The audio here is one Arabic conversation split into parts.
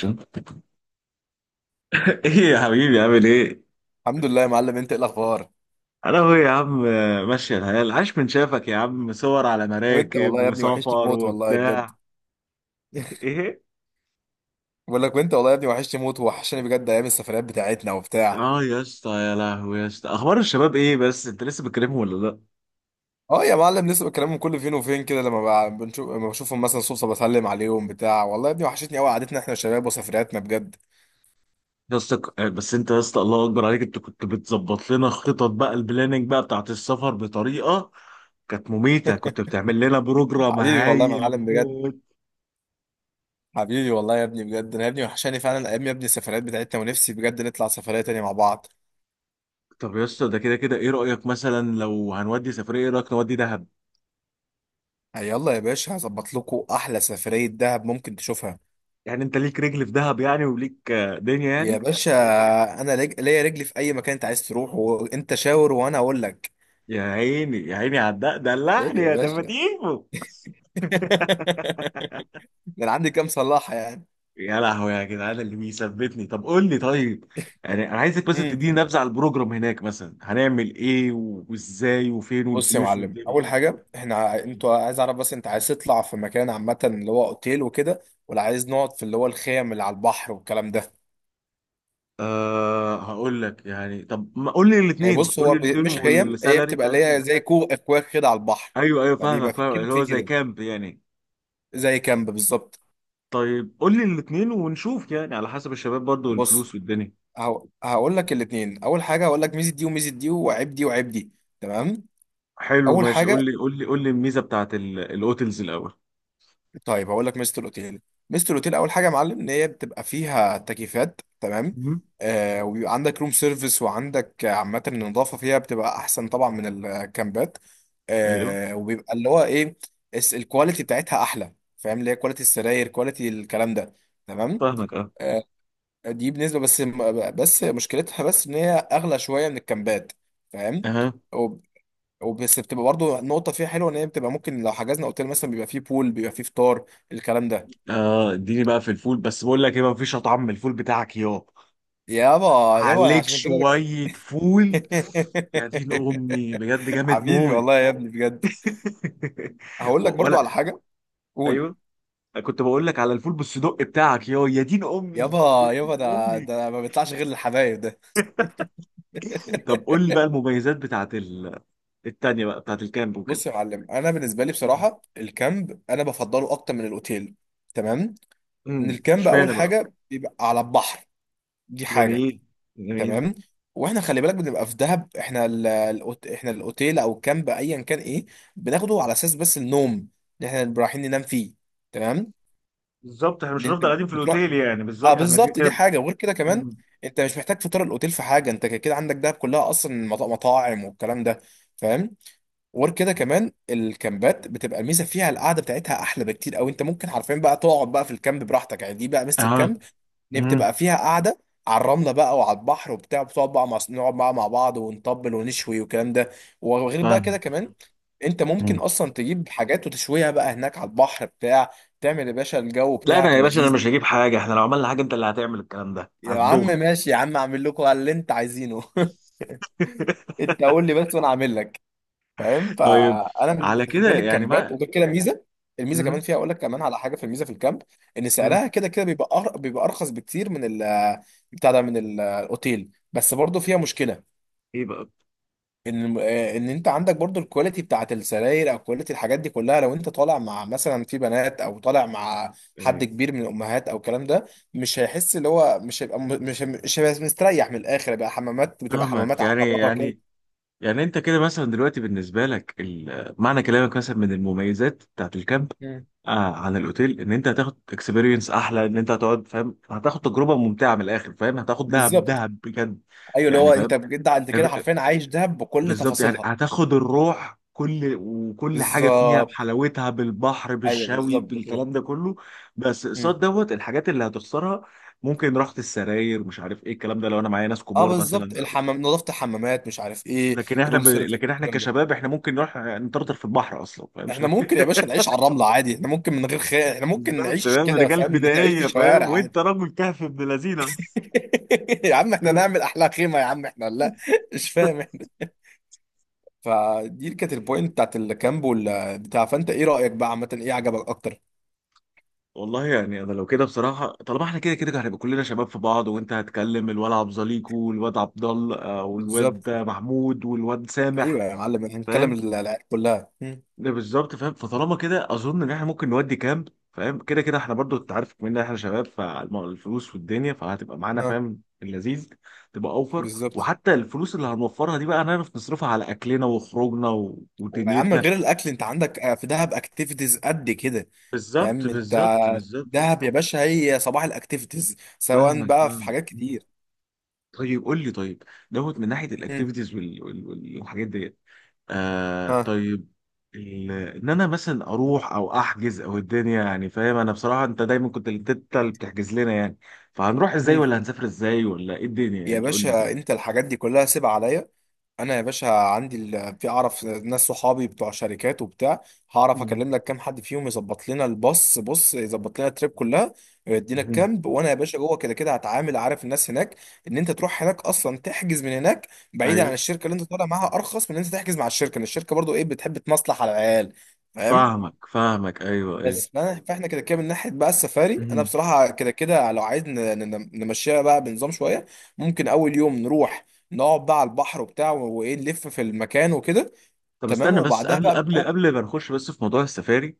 شن- ايه يا حبيبي عامل ايه؟ الحمد لله يا معلم، انت ايه الاخبار؟ انا هو يا عم ماشية الحياة. عاش من شافك يا عم، صور على وانت مراكب والله يا ابني وحشتي وسفر موت والله بجد. وبتاع. ايه؟ بقول لك وانت والله يا ابني وحشتي موت، وحشني بجد ايام السفريات بتاعتنا وبتاع. اه يا اسطى، يا لهوي يا اسطى، اخبار الشباب ايه؟ بس انت لسه بتكلمهم ولا لا؟ اه يا معلم لسه بكلمهم كل فين وفين كده، لما بنشوف لما بشوفهم مثلا صدفه بسلم عليهم بتاع والله يا ابني وحشتني قوي قعدتنا احنا والشباب وسفرياتنا بجد. يا اسطى بس انت يا اسطى، الله اكبر عليك، انت كنت بتظبط لنا خطط بقى، البلاننج بقى بتاعت السفر بطريقة كانت مميتة، كنت بتعمل لنا بروجرام حبيبي والله يا هايل معلم بجد. موت. حبيبي والله يا ابني بجد، انا يا ابني وحشاني فعلا ايام يا ابني السفريات بتاعتنا، ونفسي بجد نطلع سفريه تانية مع بعض. طب يا اسطى، ده كده كده ايه رأيك مثلا لو هنودي سفرية؟ ايه رأيك نودي دهب؟ يلا يا باشا، هظبط لكم احلى سفريه دهب ممكن تشوفها. يعني انت ليك رجل في دهب يعني، وليك دنيا يا يعني. باشا انا ليا رجلي في اي مكان انت عايز تروح، وانت شاور وانا اقول لك. يا عيني يا عيني على الدق، عيب دلعني يا يا باشا. تفتيفو. ده انا عندي كام صلاحه يعني. يا لهوي يا جدعان اللي بيثبتني، طب قول لي طيب. يعني انا عايزك بس امم تديني نبذه على البروجرام هناك، مثلا هنعمل ايه وازاي وفين بص يا والفلوس معلم، والدنيا. اول حاجه احنا انتوا عايز اعرف، بس انت عايز تطلع في مكان عامه اللي هو اوتيل وكده، ولا عايز نقعد في اللي هو الخيم اللي على البحر والكلام ده؟ أه هقول لك يعني، طب ما قول لي يعني الاثنين، بص، قول هو لي الاثنين مش خيم، هي والسالري بتبقى اللي بتاعتهم. هي زي كوخ، اكواخ كده على البحر، ايوه ايوه، فبيبقى فاهمك، في فاهم كده، اللي في هو زي كده كامب يعني. زي كامب بالظبط. طيب قول لي الاثنين ونشوف يعني، على حسب الشباب برضو بص، والفلوس والدنيا. هقول لك الاثنين. اول حاجه هقول لك ميزه دي وميزه دي، وعيب دي وعيب دي، تمام؟ حلو اول ماشي، حاجه، قول لي قول لي قول لي الميزه بتاعت الاوتلز الاول. طيب هقول لك ميزه الاوتيل. ميزه الاوتيل اول حاجه يا معلم ان هي بتبقى فيها تكييفات، تمام، مهم. آه، وبيبقى عندك روم سيرفيس، وعندك عامه النظافه فيها بتبقى احسن طبعا من الكامبات. ايوه، آه، وبيبقى اللي هو ايه، الكواليتي بتاعتها احلى، فاهم، اللي هي كواليتي السراير، كواليتي الكلام ده، تمام. فاهمك اه. آه، دي بالنسبه، بس بس مشكلتها ان هي اغلى شويه من الكامبات، فاهم. اها. وبس بتبقى برضه النقطة فيها حلوة، إن هي بتبقى ممكن لو حجزنا أوتيل مثلا بيبقى فيه بول، بيبقى فيه فطار، الكلام ده. اه، اديني بقى في الفول، بس بقول لك ايه، ما فيش اطعم من الفول بتاعك يابا. يابا يابا، أنا عليك عشان كده. شويه فول. يا دين امي بجد، جامد حبيبي موت. والله يا ابني بجد. هقول لك برضو ولا على حاجة. قول. ايوه. كنت بقول لك على الفول بالصدق بتاعك، يا يا دين امي يا يابا يابا، دين ده امي. ده ما بيطلعش غير للحبايب ده. طب قول لي بقى المميزات بتاعت التانية بقى بتاعت الكامب وكده. بص يا معلم، انا بالنسبه لي بصراحه الكامب انا بفضله اكتر من الاوتيل، تمام. ان امم، الكامب اول اشمعنى بقى؟ حاجه بيبقى على البحر، دي حاجه، جميل، جميل. تمام. واحنا خلي بالك بنبقى في دهب، احنا احنا الاوتيل او الكامب ايا كان، ايه، بناخده على اساس بس النوم، اللي احنا بنبقى رايحين ننام فيه، تمام. بالظبط، احنا مش اللي انت هنفضل قاعدين في بتروح. الاوتيل يعني، اه بالظبط احنا كده بالظبط، دي كده. حاجه. وغير كده كمان، مم. انت مش محتاج فطار الاوتيل في حاجه، انت كده كده عندك دهب كلها اصلا مطاعم والكلام ده، فاهم. وغير كده كمان، الكامبات بتبقى الميزه فيها القعده بتاعتها احلى بكتير، او انت ممكن حرفيا بقى تقعد بقى في الكامب براحتك يعني، دي بقى ميزه اه. الكامب، ان امم. بتبقى فيها قاعده على الرمله بقى وعلى البحر وبتاع، بتقعد بقى مع، نقعد بقى مع بعض ونطبل ونشوي والكلام ده. وغير بقى كده فاهم. كمان، انت مم. ممكن اصلا تجيب حاجات وتشويها بقى هناك على البحر بتاع تعمل يا باشا الجو لا انا بتاعك يا باشا، انا اللذيذ. مش هجيب حاجه، احنا لو عملنا حاجه انت اللي هتعمل الكلام ده يا على عم الظهر. ماشي يا عم، اعمل لكم اللي انت عايزينه. انت قول لي بس وانا اعمل لك، فاهم. طيب، فانا على بالنسبه كده لي يعني الكامبات، ما... وغير كده، ميزه. الميزه كمان امم. فيها، اقول لك كمان على حاجه في الميزه في الكامب، ان امم. سعرها كده كده بيبقى بيبقى ارخص بكتير من ال، بتاع ده، من الاوتيل. بس برضه فيها مشكله، ايه بقى؟ ان انت عندك برضه الكواليتي بتاعت السراير، او كواليتي الحاجات دي كلها، لو انت طالع مع مثلا في بنات، او طالع مع حد إيه. كبير من الامهات او الكلام ده، مش هيحس، اللي هو مش هيبقى، مش هيبقى مستريح من الاخر بقى، حمامات بتبقى فاهمك حمامات عامه يعني، بره كده. يعني يعني انت كده مثلا دلوقتي بالنسبه لك معنى كلامك مثلا من المميزات بتاعت الكامب، مم. آه عن الاوتيل، ان انت هتاخد اكسبيرينس احلى، ان انت هتقعد فاهم، هتاخد تجربه ممتعه من الاخر، فاهم هتاخد دهب بالظبط. دهب بجد ايوه، اللي هو يعني. انت فاهم. بجد انت كده حرفيا عايش دهب بكل بالظبط يعني، تفاصيلها. هتاخد الروح كل وكل حاجه فيها بالظبط. بحلاوتها، بالبحر ايوه بالشوي بالظبط كده. بالكلام ده كله. بس امم قصاد دوت الحاجات اللي هتخسرها، ممكن راحه السراير، مش عارف ايه الكلام ده، لو انا معايا ناس اه كبار مثلا بالظبط، أو... الحمام، نظافه الحمامات، مش عارف ايه، لكن روم سيرفيس، لكن احنا الكلام ده. كشباب، احنا ممكن نروح نطرطر في البحر اصلا فاهم، مش احنا ممكن يا باشا نعيش على الرمله عادي، احنا ممكن من غير خير احنا ممكن بالظبط. نعيش فاهم، كده، رجال فاهم، نعيش في بدائيه فاهم، الشوارع عادي. وانت راجل كهف ابن لذينه. يا عم احنا نعمل احلى خيمه يا عم، احنا لا، مش فاهم احنا. فدي كانت البوينت بتاعت الكامب ولا بتاع، فانت ايه رايك بقى عامه، ايه عجبك اكتر؟ والله يعني انا لو كده بصراحه، طالما احنا كده كده هنبقى كلنا شباب في بعض، وانت هتكلم الواد عبد زليكو والواد عبد الله والواد بالظبط. محمود والواد سامح. ايوه يا معلم، احنا هنتكلم فاهم، العيال كلها. ده بالظبط فاهم، فطالما كده اظن ان احنا ممكن نودي كامب، فاهم كده كده احنا برضو انت عارف ان احنا شباب، فالفلوس والدنيا فهتبقى معانا اه فاهم اللذيذ، تبقى اوفر. بالظبط. وحتى الفلوس اللي هنوفرها دي بقى، هنعرف نصرفها على اكلنا وخروجنا و... يا عم ودنيتنا. غير الاكل، انت عندك في دهب اكتيفيتيز قد كده، بالظبط، فاهم انت. بالظبط، بالظبط. دهب يا باشا هي صباح الاكتيفيتيز، سواء فاهمك، بقى في فاهم. حاجات كتير. طيب قول لي، طيب دوت من ناحيه هم. الاكتيفيتيز وال... وال... وال- والحاجات ديت. آه ها. طيب، ال... ان انا مثلا اروح او احجز او الدنيا يعني، فاهم انا بصراحه انت دايما كنت انت اللي بتحجز لنا يعني، فهنروح ازاي هم. ولا هنسافر ازاي ولا ايه الدنيا يا يعني؟ قول لي باشا كده. انت الحاجات دي كلها سيب عليا. انا يا باشا عندي في، اعرف ناس صحابي بتوع شركات وبتاع، هعرف مم. اكلم لك كام حد فيهم يظبط لنا الباص، بص، يظبط لنا التريب كلها، ويدينا مم. الكامب. وانا يا باشا جوه كده كده هتعامل، عارف الناس هناك، ان انت تروح هناك اصلا تحجز من هناك، بعيدا عن ايوه الشركه اللي انت طالع معاها، ارخص من ان انت تحجز مع الشركه، ان الشركه برضو ايه بتحب تمصلح على العيال، فاهم. فاهمك، فاهمك ايوه. بس، فانا، فاحنا كده كده من ناحيه بقى السفاري، انا ايوه، بصراحه كده كده لو عايز نمشيها بقى بنظام شويه، ممكن اول يوم نروح، نقعد بقى على البحر وبتاع، وايه، نلف في المكان وكده، طب تمام، استنى بس، وبعدها قبل بقى قبل قبل ما نخش بس في موضوع السفاري.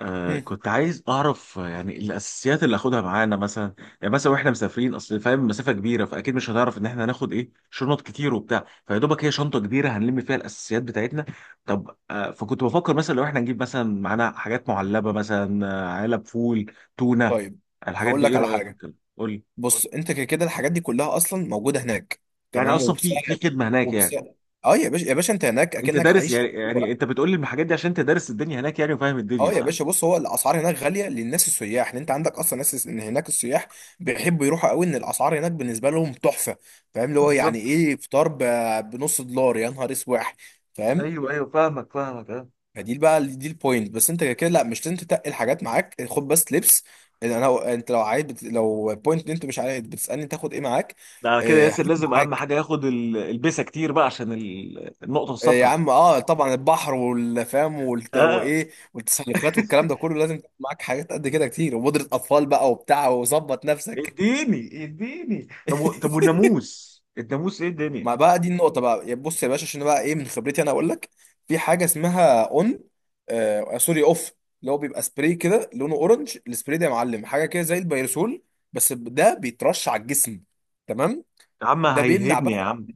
آه هم. كنت عايز اعرف يعني الاساسيات اللي اخدها معانا مثلا. يعني مثلا واحنا مسافرين، اصل فاهم مسافه كبيره فاكيد مش هنعرف ان احنا هناخد ايه، شنط كتير وبتاع، فيا دوبك هي شنطه كبيره هنلم فيها الاساسيات بتاعتنا. طب آه، فكنت بفكر مثلا لو احنا نجيب مثلا معانا حاجات معلبه مثلا، علب فول، تونه، طيب الحاجات هقول دي، ايه لك على رايك في حاجه. الكلام؟ قول لي. بص انت كده كده الحاجات دي كلها اصلا موجوده هناك، يعني تمام، اصلا في في وبسعر، خدمه هناك يعني؟ وبسعر. اه يا باشا يا باشا، انت هناك انت اكنك دارس عايش في يعني، اكتوبر. يعني انت بتقول لي الحاجات دي عشان انت دارس الدنيا هناك يعني وفاهم الدنيا اه يا صح؟ باشا، بص، هو الاسعار هناك غاليه للناس السياح، ان انت عندك اصلا ناس، ان هناك السياح بيحبوا يروحوا قوي، ان الاسعار هناك بالنسبه لهم تحفه، فاهم، اللي هو يعني بالظبط. ايه فطار بنص دولار، يا نهار اسواح، فاهم. ايوه ايوه، فاهمك فاهمك اه. فدي بقى دي البوينت. بس انت كده كده لا مش لازم تتقل حاجات معاك، خد بس لبس. إن انا، انت لو عايز لو بوينت ان انت مش عايز، بتسالني تاخد ايه معاك؟ ده على كده هات ياسر، لازم اهم معاك. حاجه ياخد البسه كتير بقى عشان النقطه يا الصفراء. عم اه طبعا، البحر والفام اه وايه، والتسلقات والكلام ده كله، لازم تكون معاك حاجات قد كده كتير، وبودرة اطفال بقى وبتاع، وظبط نفسك. اديني اديني، طب طب والناموس، الناموس ايه الدنيا؟ ما بقى دي النقطة بقى يا، بص يا باشا، عشان بقى ايه من خبرتي انا اقول لك، في حاجة اسمها اون، آه سوري، اوف، اللي هو بيبقى سبراي كده لونه اورنج. السبراي ده يا معلم حاجة كده زي البيرسول، بس ده بيترش على الجسم، تمام، يا عم ده بيمنع. هيلهبني يا عم.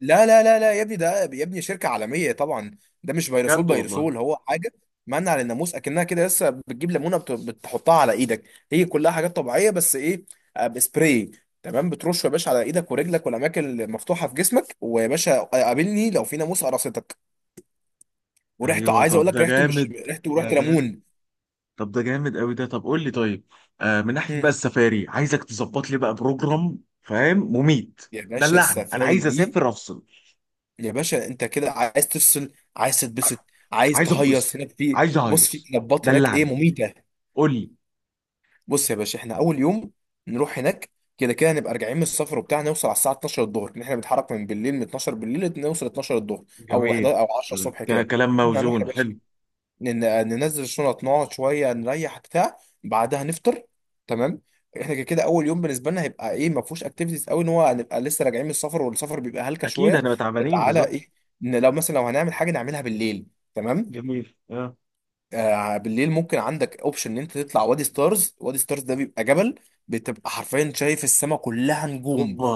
لا لا لا لا يا ابني، ده يا ابني شركة عالمية طبعا، ده مش فيروسول، بجد والله؟ فيروسول هو حاجة، منع للناموس، اكنها كده لسه بتجيب ليمونة بتحطها على ايدك، هي كلها حاجات طبيعية، بس ايه، بسبراي، تمام. بترش يا باشا على ايدك ورجلك والاماكن اللي مفتوحة في جسمك، ويا باشا قابلني لو في ناموس قرصتك. وريحته ايوه، عايز اقول طب لك، ده ريحته مش جامد، ريحته ريحة ده جامد، ليمون. طب ده جامد قوي ده. طب قول لي طيب، آه من ناحيه هم. بقى السفاري، عايزك تظبط لي بقى بروجرام فاهم، مميت. يا باشا دلعني، انا السفاري عايز دي، اسافر افصل. يا باشا انت كده عايز تفصل، عايز تتبسط، عايز عايز ابسط، تهيص هناك. في، عايز بص، في اهيص. كلابات هناك ايه دلعني، مميتة. قول لي. بص يا باشا، احنا اول يوم نروح هناك، كده كده هنبقى راجعين من السفر وبتاع، نوصل على الساعه 12 الظهر، ان احنا بنتحرك من بالليل من 12 بالليل، نوصل 12 الظهر او جميل. 11 او 10 الصبح كده كده. كلام احنا هنروح يا موزون باشا، حلو. ننزل الشنط، نقعد شويه نريح بتاع بعدها نفطر، تمام. احنا كده كده اول يوم بالنسبه لنا هيبقى ايه، ما فيهوش اكتيفيتيز قوي، ان هو هنبقى لسه راجعين من السفر، والسفر بيبقى هلكه اكيد شويه. احنا تعبانين، تعالى بالظبط. ايه، إن لو مثلا لو هنعمل حاجه نعملها بالليل، تمام. جميل اه. بالليل ممكن عندك اوبشن ان انت تطلع وادي ستارز. وادي ستارز ده بيبقى جبل، بتبقى حرفيا شايف السماء كلها نجوم، اوبا.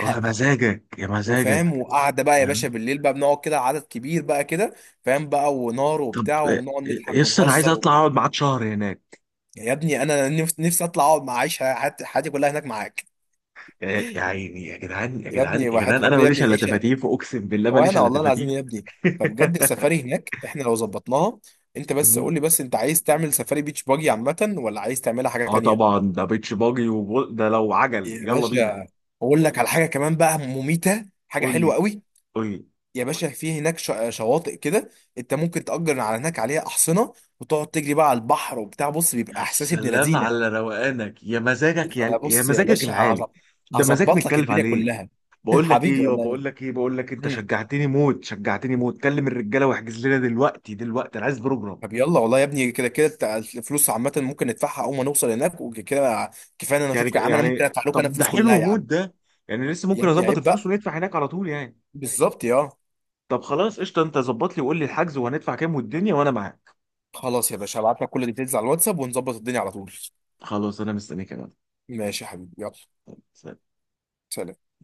يا مزاجك يا وفاهم، مزاجك. وقعده بقى يا آه. باشا بالليل بقى، بنقعد كده عدد كبير بقى كده، فاهم بقى، ونار طب وبتاع، وبنقعد نضحك يس، انا عايز ونهزر اطلع و... اقعد معاك شهر هناك. يا ابني انا نفسي، نفسي اطلع اقعد مع، عيش حياتي، حياتي كلها هناك معاك. يا يا عيني يا جدعان يا يا جدعان ابني يا وحياة جدعان، انا ربنا يا ماليش ابني الا العيشه، تفاتيف، اقسم بالله ماليش وانا الا والله العظيم تفاتيف. يا ابني. فبجد السفاري هناك احنا لو ظبطناها، انت بس قول لي بس، انت عايز تعمل سفاري بيتش باجي عامه ولا عايز تعملها حاجه اه تانيه؟ طبعا، ده بيتش باجي وبول، ده لو عجل يا يلا بينا. باشا، اقول لك على حاجه كمان بقى مميته، حاجه قول حلوه لي، قوي. قول لي. يا باشا في هناك شواطئ كده، انت ممكن تأجر على هناك عليها احصنه، وتقعد تجري بقى على البحر وبتاع، بص بيبقى يا احساس ابن سلام لذينه. على روقانك، يا مزاجك، فانا، يا يا بص يا مزاجك باشا، العالي. ده مزاج هظبط لك متكلف الدنيا عليه. كلها. بقول لك حبيبي ايه يا، والله. بقول لك ايه، بقول لك انت مم. شجعتني موت، شجعتني موت، كلم الرجاله واحجز لنا دلوقتي دلوقتي، انا عايز بروجرام. طب يلا والله يا ابني، كده كده بتاع الفلوس عامه ممكن ندفعها اول ما نوصل هناك وكده، كفايه إن انا يعني اشوفك يا عم، انا ممكن يعني، ادفع لك انا طب ده الفلوس كلها حلو يا موت عم. ده، يعني لسه يا ممكن ابني اظبط عيب الفلوس بقى. وندفع هناك على طول يعني؟ بالظبط يا. طب خلاص قشطه، انت ظبط لي وقول لي الحجز، وهندفع كام والدنيا وانا معاك. خلاص يا باشا، هبعت لك كل الديتيلز على الواتساب، ونظبط الدنيا على طول. خلاص انا مستنيك يا ماشي يا حبيبي، يلا. مان. سلام.